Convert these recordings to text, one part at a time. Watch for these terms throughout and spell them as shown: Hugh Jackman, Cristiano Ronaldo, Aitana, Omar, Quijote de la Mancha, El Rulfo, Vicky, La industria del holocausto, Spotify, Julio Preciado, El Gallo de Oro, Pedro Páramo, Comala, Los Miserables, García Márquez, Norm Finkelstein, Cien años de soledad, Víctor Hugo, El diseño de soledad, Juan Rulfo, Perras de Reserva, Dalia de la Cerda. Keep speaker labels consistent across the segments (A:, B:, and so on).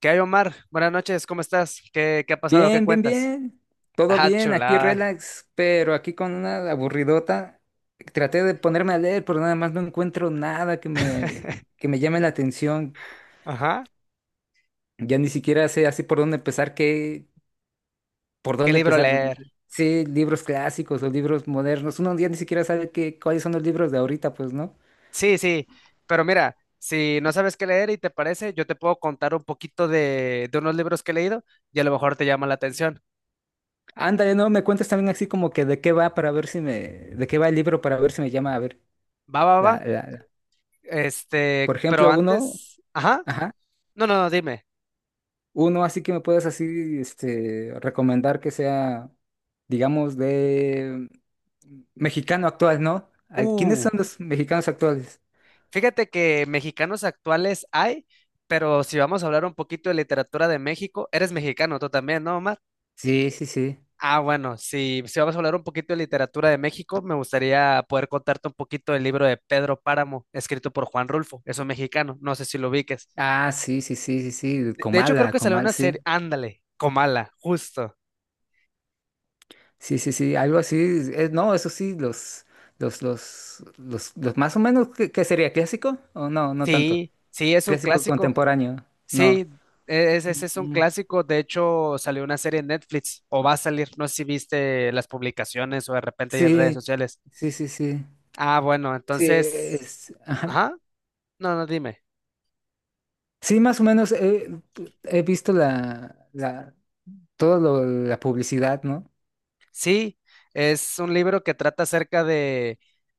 A: ¿Qué hay, Omar? Buenas noches, ¿cómo estás? ¿¿Qué ha pasado? ¿Qué
B: Bien, bien,
A: cuentas?
B: bien. Todo
A: Ah,
B: bien, aquí
A: chulada.
B: relax, pero aquí con una aburridota. Traté de ponerme a leer, pero nada más no encuentro nada que me llame la atención.
A: Ajá.
B: Ya ni siquiera sé así por dónde empezar, por
A: ¿Qué
B: dónde
A: libro
B: empezar.
A: leer?
B: Sí, libros clásicos o libros modernos. Uno ya ni siquiera sabe cuáles son los libros de ahorita, pues, ¿no?
A: Sí, sí, pero mira, si no sabes qué leer y te parece, yo te puedo contar un poquito de unos libros que he leído y a lo mejor te llama la atención.
B: Ándale, no, me cuentas también así como que de qué va el libro para ver si me llama a ver.
A: Va, va,
B: La,
A: va.
B: la, la- Por
A: Este, pero
B: ejemplo, uno,
A: antes, ajá.
B: ajá.
A: No, no, no, dime.
B: Uno así que me puedas así, este, recomendar que sea, digamos, de mexicano actual, ¿no? Ay, ¿quiénes
A: Uh,
B: son los mexicanos actuales?
A: fíjate que mexicanos actuales hay, pero si vamos a hablar un poquito de literatura de México, eres mexicano tú también, ¿no, Omar?
B: Sí, sí, sí.
A: Ah, bueno, si, si vamos a hablar un poquito de literatura de México, me gustaría poder contarte un poquito del libro de Pedro Páramo, escrito por Juan Rulfo, es un mexicano, no sé si lo ubiques.
B: Ah, sí, sí, sí, sí, sí.
A: De hecho, creo
B: Comala,
A: que salió
B: Comal,
A: una
B: sí.
A: serie, ándale, Comala, justo.
B: Sí, sí, sí. Algo así. No, eso sí, los más o menos, ¿qué sería? ¿Clásico? O no, no tanto.
A: Sí, sí, es un
B: Clásico
A: clásico,
B: contemporáneo. No.
A: sí, ese es un
B: Mm,
A: clásico, de hecho, salió una serie en Netflix, o va a salir, no sé si viste las publicaciones o de repente ya en redes
B: sí,
A: sociales.
B: sí, sí, sí.
A: Ah, bueno,
B: Sí,
A: entonces,
B: es, ajá.
A: ajá, no, no, dime.
B: Sí, más o menos he visto la publicidad, ¿no?
A: Sí, es un libro que trata acerca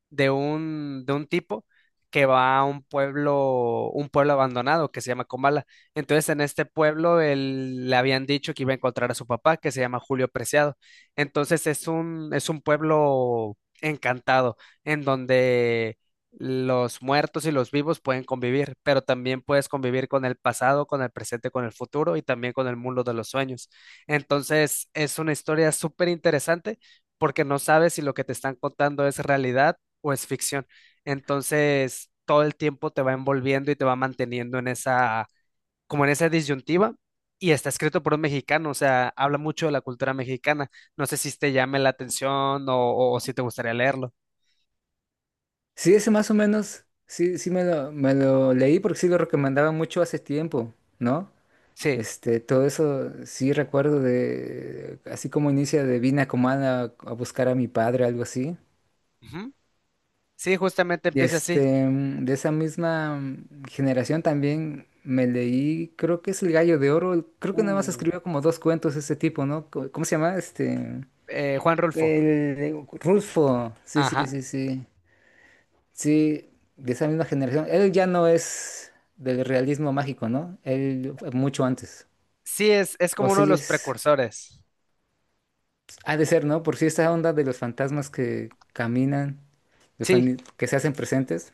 A: de un tipo que va a un pueblo abandonado que se llama Comala. Entonces, en este pueblo él, le habían dicho que iba a encontrar a su papá, que se llama Julio Preciado. Entonces, es un pueblo encantado, en donde los muertos y los vivos pueden convivir, pero también puedes convivir con el pasado, con el presente, con el futuro y también con el mundo de los sueños. Entonces, es una historia súper interesante porque no sabes si lo que te están contando es realidad o es ficción. Entonces, todo el tiempo te va envolviendo y te va manteniendo en esa, como en esa disyuntiva. Y está escrito por un mexicano, o sea, habla mucho de la cultura mexicana. No sé si te llame la atención o, o si te gustaría leerlo.
B: Sí, ese más o menos, sí, sí me lo leí porque sí lo recomendaba mucho hace tiempo, ¿no?
A: Sí.
B: Este, todo eso sí recuerdo de, así como inicia de vine a Comala a buscar a mi padre, algo así.
A: Ujú. Sí, justamente
B: Y
A: empieza así.
B: este, de esa misma generación también me leí, creo que es El Gallo de Oro, creo que nada más
A: Uh,
B: escribió como dos cuentos ese tipo, ¿no? ¿Cómo se llama? Este...
A: Juan Rulfo.
B: El Rulfo, sí, sí,
A: Ajá.
B: sí, sí, sí, de esa misma generación. Él ya no es del realismo mágico, ¿no? Él fue mucho antes.
A: Sí, es
B: O
A: como uno de
B: sí
A: los
B: es,
A: precursores.
B: ha de ser, ¿no? Por si esta onda de los fantasmas que caminan,
A: Sí,
B: que se hacen presentes,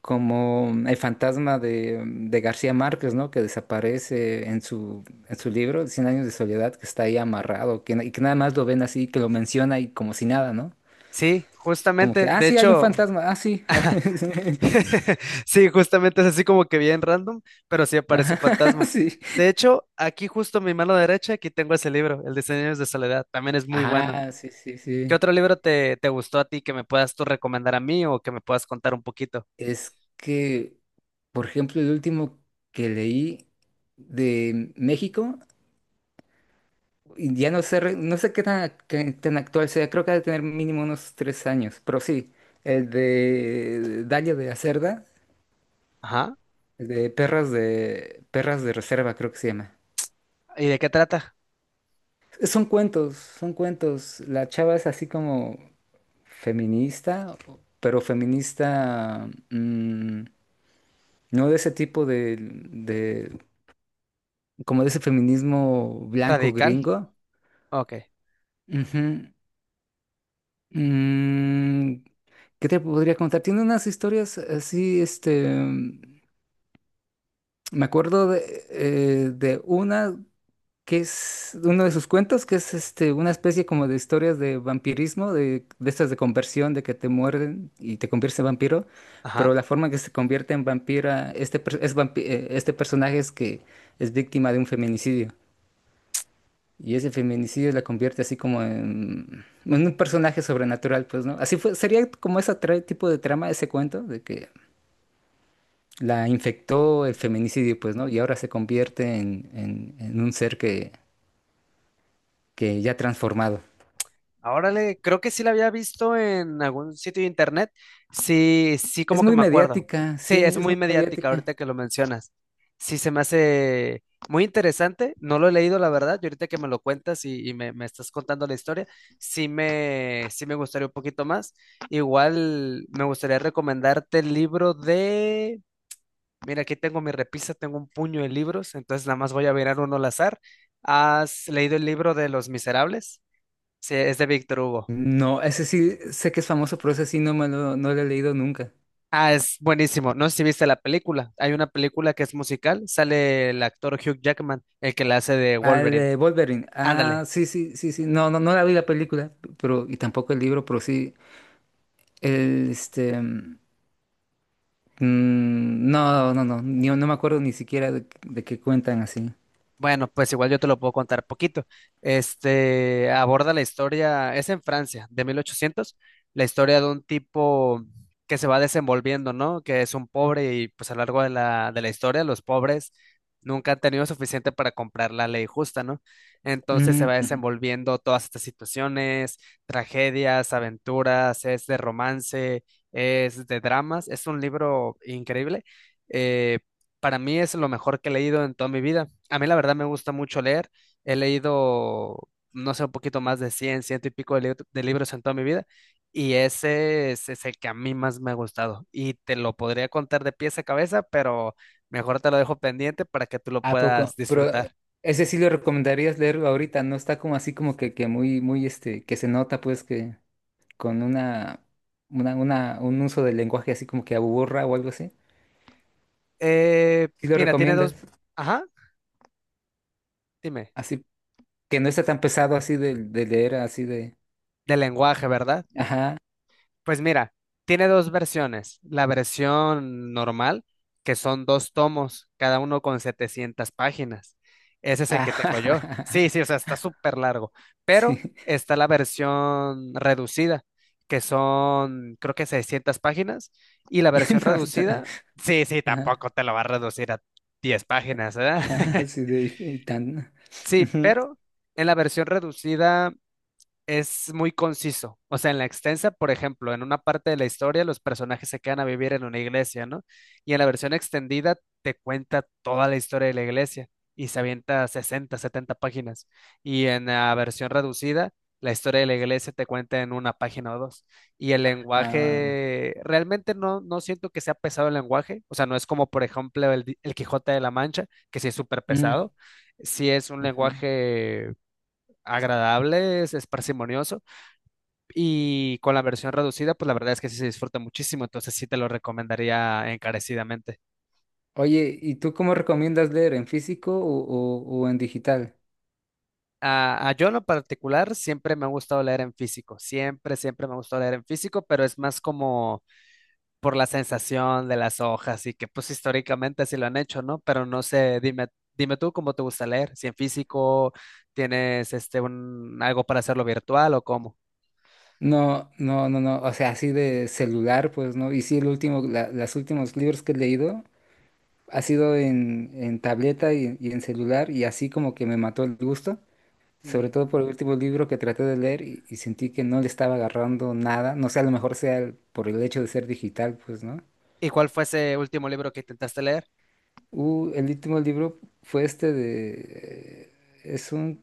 B: como el fantasma de García Márquez, ¿no? Que desaparece en su libro, Cien años de soledad, que está ahí amarrado, y que nada más lo ven así, que lo menciona y como si nada, ¿no?
A: sí,
B: Como
A: justamente,
B: que, ah,
A: de
B: sí, hay un
A: hecho,
B: fantasma, ah, sí, hay-
A: sí, justamente es así como que bien random, pero sí aparece un
B: Ajá,
A: fantasma.
B: sí.
A: De hecho, aquí justo en mi mano derecha, aquí tengo ese libro, El diseño de soledad, también es muy bueno.
B: Ah, sí, sí,
A: ¿Qué
B: sí.
A: otro libro te gustó a ti que me puedas tú recomendar a mí o que me puedas contar un poquito?
B: Es que, por ejemplo, el último que leí de México, y ya no sé, no sé qué tan actual sea, creo que ha de tener mínimo unos 3 años, pero sí, el de Dalia de la Cerda,
A: Ajá,
B: el de Perras de Reserva, creo que se llama.
A: ¿y de qué trata?
B: Son cuentos, son cuentos. La chava es así como feminista, pero feminista no de ese tipo como de ese feminismo blanco
A: Radical,
B: gringo.
A: ok,
B: Ujú. Mm, ¿qué te podría contar? Tiene unas historias así, este, me acuerdo de una. Que es uno de sus cuentos, que es este, una especie como de historias de vampirismo, de estas de conversión, de que te muerden y te conviertes en vampiro,
A: ajá.
B: pero la forma en que se convierte en vampira, este, este personaje es que es víctima de un feminicidio. Y ese feminicidio la convierte así como en un personaje sobrenatural, pues, ¿no? Así fue, sería como ese tipo de trama, ese cuento, de que la infectó el feminicidio, pues, ¿no? Y ahora se convierte en un ser que ya transformado.
A: Ah, órale, creo que sí la había visto en algún sitio de internet. Sí, sí,
B: Es
A: como que
B: muy
A: me acuerdo.
B: mediática, sí,
A: Sí, es
B: es
A: muy
B: muy
A: mediática
B: mediática.
A: ahorita que lo mencionas. Sí, se me hace muy interesante. No lo he leído, la verdad. Y ahorita que me lo cuentas y me, me estás contando la historia, sí me gustaría un poquito más. Igual me gustaría recomendarte el libro de… Mira, aquí tengo mi repisa, tengo un puño de libros, entonces nada más voy a mirar uno al azar. ¿Has leído el libro de Los Miserables? Sí, es de Víctor Hugo.
B: No, ese sí, sé que es famoso, pero ese sí no me lo, no lo he leído nunca.
A: Ah, es buenísimo. No sé si viste la película. Hay una película que es musical. Sale el actor Hugh Jackman, el que la hace de
B: Al
A: Wolverine.
B: de Wolverine. Ah,
A: Ándale,
B: sí, sí, sí, sí. No, no, no la vi la película, pero, y tampoco el libro, pero sí. Este. Mm, no, no, no. No me acuerdo ni siquiera de qué cuentan así.
A: bueno, pues igual yo te lo puedo contar poquito. Este aborda la historia, es en Francia, de 1800, la historia de un tipo que se va desenvolviendo, ¿no? Que es un pobre y pues a lo largo de la historia los pobres nunca han tenido suficiente para comprar la ley justa, ¿no? Entonces se
B: Mm,
A: va
B: ujú.
A: desenvolviendo todas estas situaciones, tragedias, aventuras, es de romance, es de dramas, es un libro increíble. Eh, para mí es lo mejor que he leído en toda mi vida. A mí la verdad me gusta mucho leer. He leído, no sé, un poquito más de 100, ciento y pico de, de libros en toda mi vida. Y ese es el que a mí más me ha gustado. Y te lo podría contar de pies a cabeza, pero mejor te lo dejo pendiente para que tú lo
B: ¿A
A: puedas
B: poco? Pero
A: disfrutar.
B: ese sí lo recomendarías leer ahorita, no está como así como que muy, muy, este, que se nota pues que. Con una, un uso del lenguaje así como que aburra o algo así. ¿Sí lo
A: Mira, tiene dos…
B: recomiendas?
A: Ajá, dime.
B: Así que no está tan pesado así de leer, así de...
A: De lenguaje, ¿verdad?
B: Ajá.
A: Pues mira, tiene dos versiones. La versión normal, que son dos tomos, cada uno con 700 páginas. Ese es el que tengo yo.
B: Ajá.
A: Sí, sí, o sea, está súper largo. Pero
B: Sí.
A: está la versión reducida, que son, creo que 600 páginas. Y la versión
B: No está-
A: reducida, sí, sí,
B: Ajá.
A: tampoco te lo va a reducir a 10 páginas, ¿verdad?
B: Ajá, así de... y tan...
A: Sí,
B: ujú,
A: pero en la versión reducida es muy conciso. O sea, en la extensa, por ejemplo, en una parte de la historia los personajes se quedan a vivir en una iglesia, ¿no? Y en la versión extendida te cuenta toda la historia de la iglesia y se avienta 60, 70 páginas. Y en la versión reducida, la historia de la iglesia te cuenta en una página o dos. Y el
B: ah,
A: lenguaje, realmente no, no siento que sea pesado el lenguaje. O sea, no es como, por ejemplo, el, el Quijote de la Mancha, que sí es súper
B: mm,
A: pesado. Sí es un
B: ujú.
A: lenguaje agradable, es parsimonioso y con la versión reducida, pues la verdad es que sí se disfruta muchísimo, entonces sí te lo recomendaría encarecidamente.
B: Oye, ¿y tú cómo recomiendas leer? ¿En físico o, o en digital?
A: A yo en lo particular siempre me ha gustado leer en físico, siempre, siempre me ha gustado leer en físico, pero es más como por la sensación de las hojas y que pues históricamente así lo han hecho, ¿no? Pero no sé, dime, dime tú cómo te gusta leer, si en físico tienes este un algo para hacerlo virtual o cómo.
B: No, no, no, no, o sea, así de celular, pues no. Y sí, el último, los últimos libros que he leído ha sido en tableta y en celular y así como que me mató el gusto, sobre
A: Mm.
B: todo por el último libro que traté de leer y sentí que no le estaba agarrando nada, no sé, a lo mejor sea por el hecho de ser digital, pues, ¿no?
A: ¿Y cuál fue ese último libro que intentaste leer?
B: El último libro fue este de... Es un...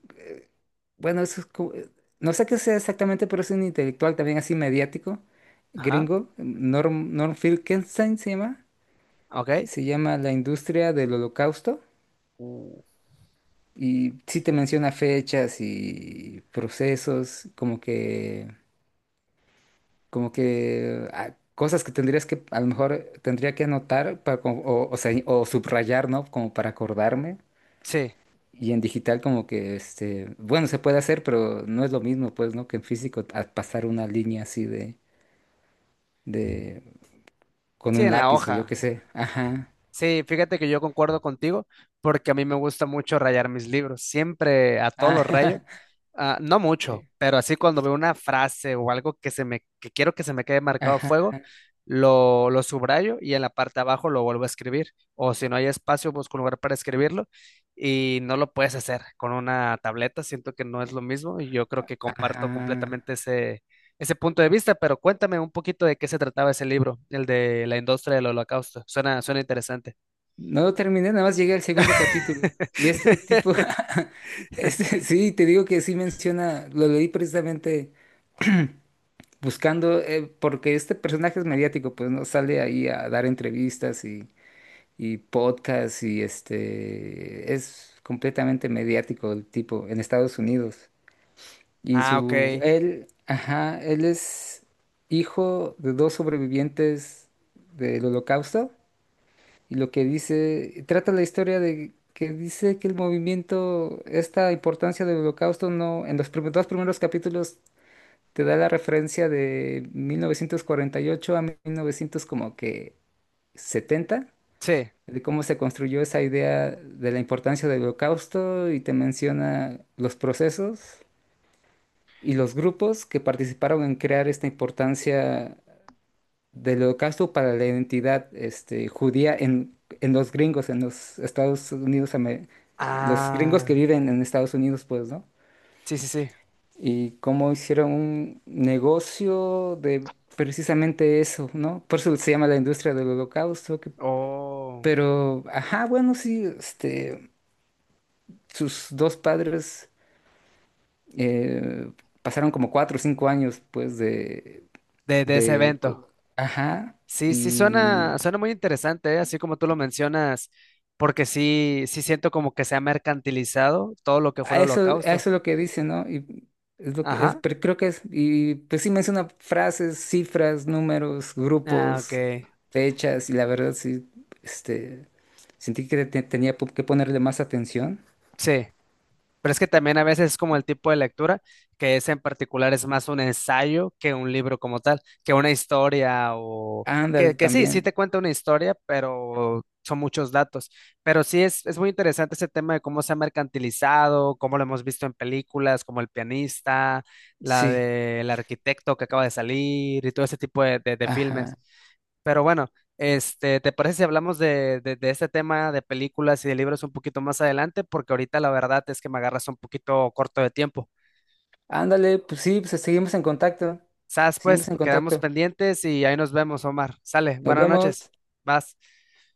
B: Bueno, eso es no sé qué sea exactamente, pero es un intelectual también así mediático,
A: Ajá,
B: gringo, Norm Finkelstein se llama,
A: ok.
B: se llama La industria del holocausto.
A: Uh.
B: Y sí te menciona fechas y procesos, como que cosas que tendrías que, a lo mejor tendría que anotar para, o sea, o subrayar, ¿no? Como para acordarme.
A: Sí,
B: Y en digital como que, este, bueno, se puede hacer, pero no es lo mismo, pues, ¿no? Que en físico a pasar una línea así de, con
A: sí,
B: un
A: en la
B: lápiz o yo
A: hoja.
B: qué sé. Ajá.
A: Sí, fíjate que yo concuerdo contigo porque a mí me gusta mucho rayar mis libros, siempre a todos los rayo,
B: Ajá.
A: ah, no mucho,
B: Sí.
A: pero así cuando veo una frase o algo que se me que quiero que se me quede marcado a
B: Ajá.
A: fuego, lo subrayo y en la parte de abajo lo vuelvo a escribir o si no hay espacio busco un lugar para escribirlo y no lo puedes hacer con una tableta, siento que no es lo mismo y yo creo que comparto
B: Ajá.
A: completamente ese ese punto de vista, pero cuéntame un poquito de qué se trataba ese libro, el de la industria del holocausto. Suena, suena interesante.
B: No lo terminé, nada más llegué al segundo capítulo. Y este tipo, este, sí, te digo que sí menciona, lo leí precisamente buscando, porque este personaje es mediático, pues no sale ahí a dar entrevistas y podcasts y este, es completamente mediático el tipo en Estados Unidos. Y
A: Ah, ok.
B: él, ajá, él es hijo de dos sobrevivientes del Holocausto y lo que dice, trata la historia de que dice que el movimiento, esta importancia del Holocausto no, en los dos primeros capítulos te da la referencia de 1948 a 1900 como que 70
A: Sí.
B: de cómo se construyó esa idea de la importancia del Holocausto y te menciona los procesos y los grupos que participaron en crear esta importancia del holocausto para la identidad este, judía en los gringos, en los Estados Unidos, los gringos que
A: Ah,
B: viven en Estados Unidos, pues, ¿no?
A: sí, sí, sí.
B: Y cómo hicieron un negocio de precisamente eso, ¿no? Por eso se llama la industria del holocausto,
A: Oh,
B: pero, ajá, bueno, sí, este, sus dos padres eh, pasaron como 4 o 5 años, pues,
A: de ese
B: de,
A: evento.
B: co- ajá,
A: Sí, sí, suena,
B: y...
A: suena muy interesante, ¿eh? Así como tú lo mencionas, porque sí, sí siento como que se ha mercantilizado todo lo que fue
B: a
A: el
B: eso, a
A: holocausto.
B: eso es lo que dice, ¿no? Y es lo que es,
A: Ajá.
B: pero creo que es, y pues sí menciona frases, cifras, números,
A: Ah, ok.
B: grupos, fechas, y la verdad sí, este, sentí tenía que ponerle más atención.
A: Sí. Pero es que también a veces es como el tipo de lectura, que es en particular es más un ensayo que un libro como tal, que una historia o
B: Ándale
A: que sí, sí
B: también,
A: te cuenta una historia, pero son muchos datos. Pero sí es muy interesante ese tema de cómo se ha mercantilizado, cómo lo hemos visto en películas como El pianista, la
B: sí,
A: del arquitecto que acaba de salir y todo ese tipo de, de
B: ajá.
A: filmes. Pero bueno, este, ¿te parece si hablamos de este tema de películas y de libros un poquito más adelante? Porque ahorita la verdad es que me agarras un poquito corto de tiempo.
B: Ándale, pues sí, pues seguimos en contacto,
A: ¿Sabes? Pues
B: seguimos en
A: quedamos
B: contacto.
A: pendientes y ahí nos vemos, Omar. Sale,
B: Nos
A: buenas noches.
B: vemos.
A: Vas.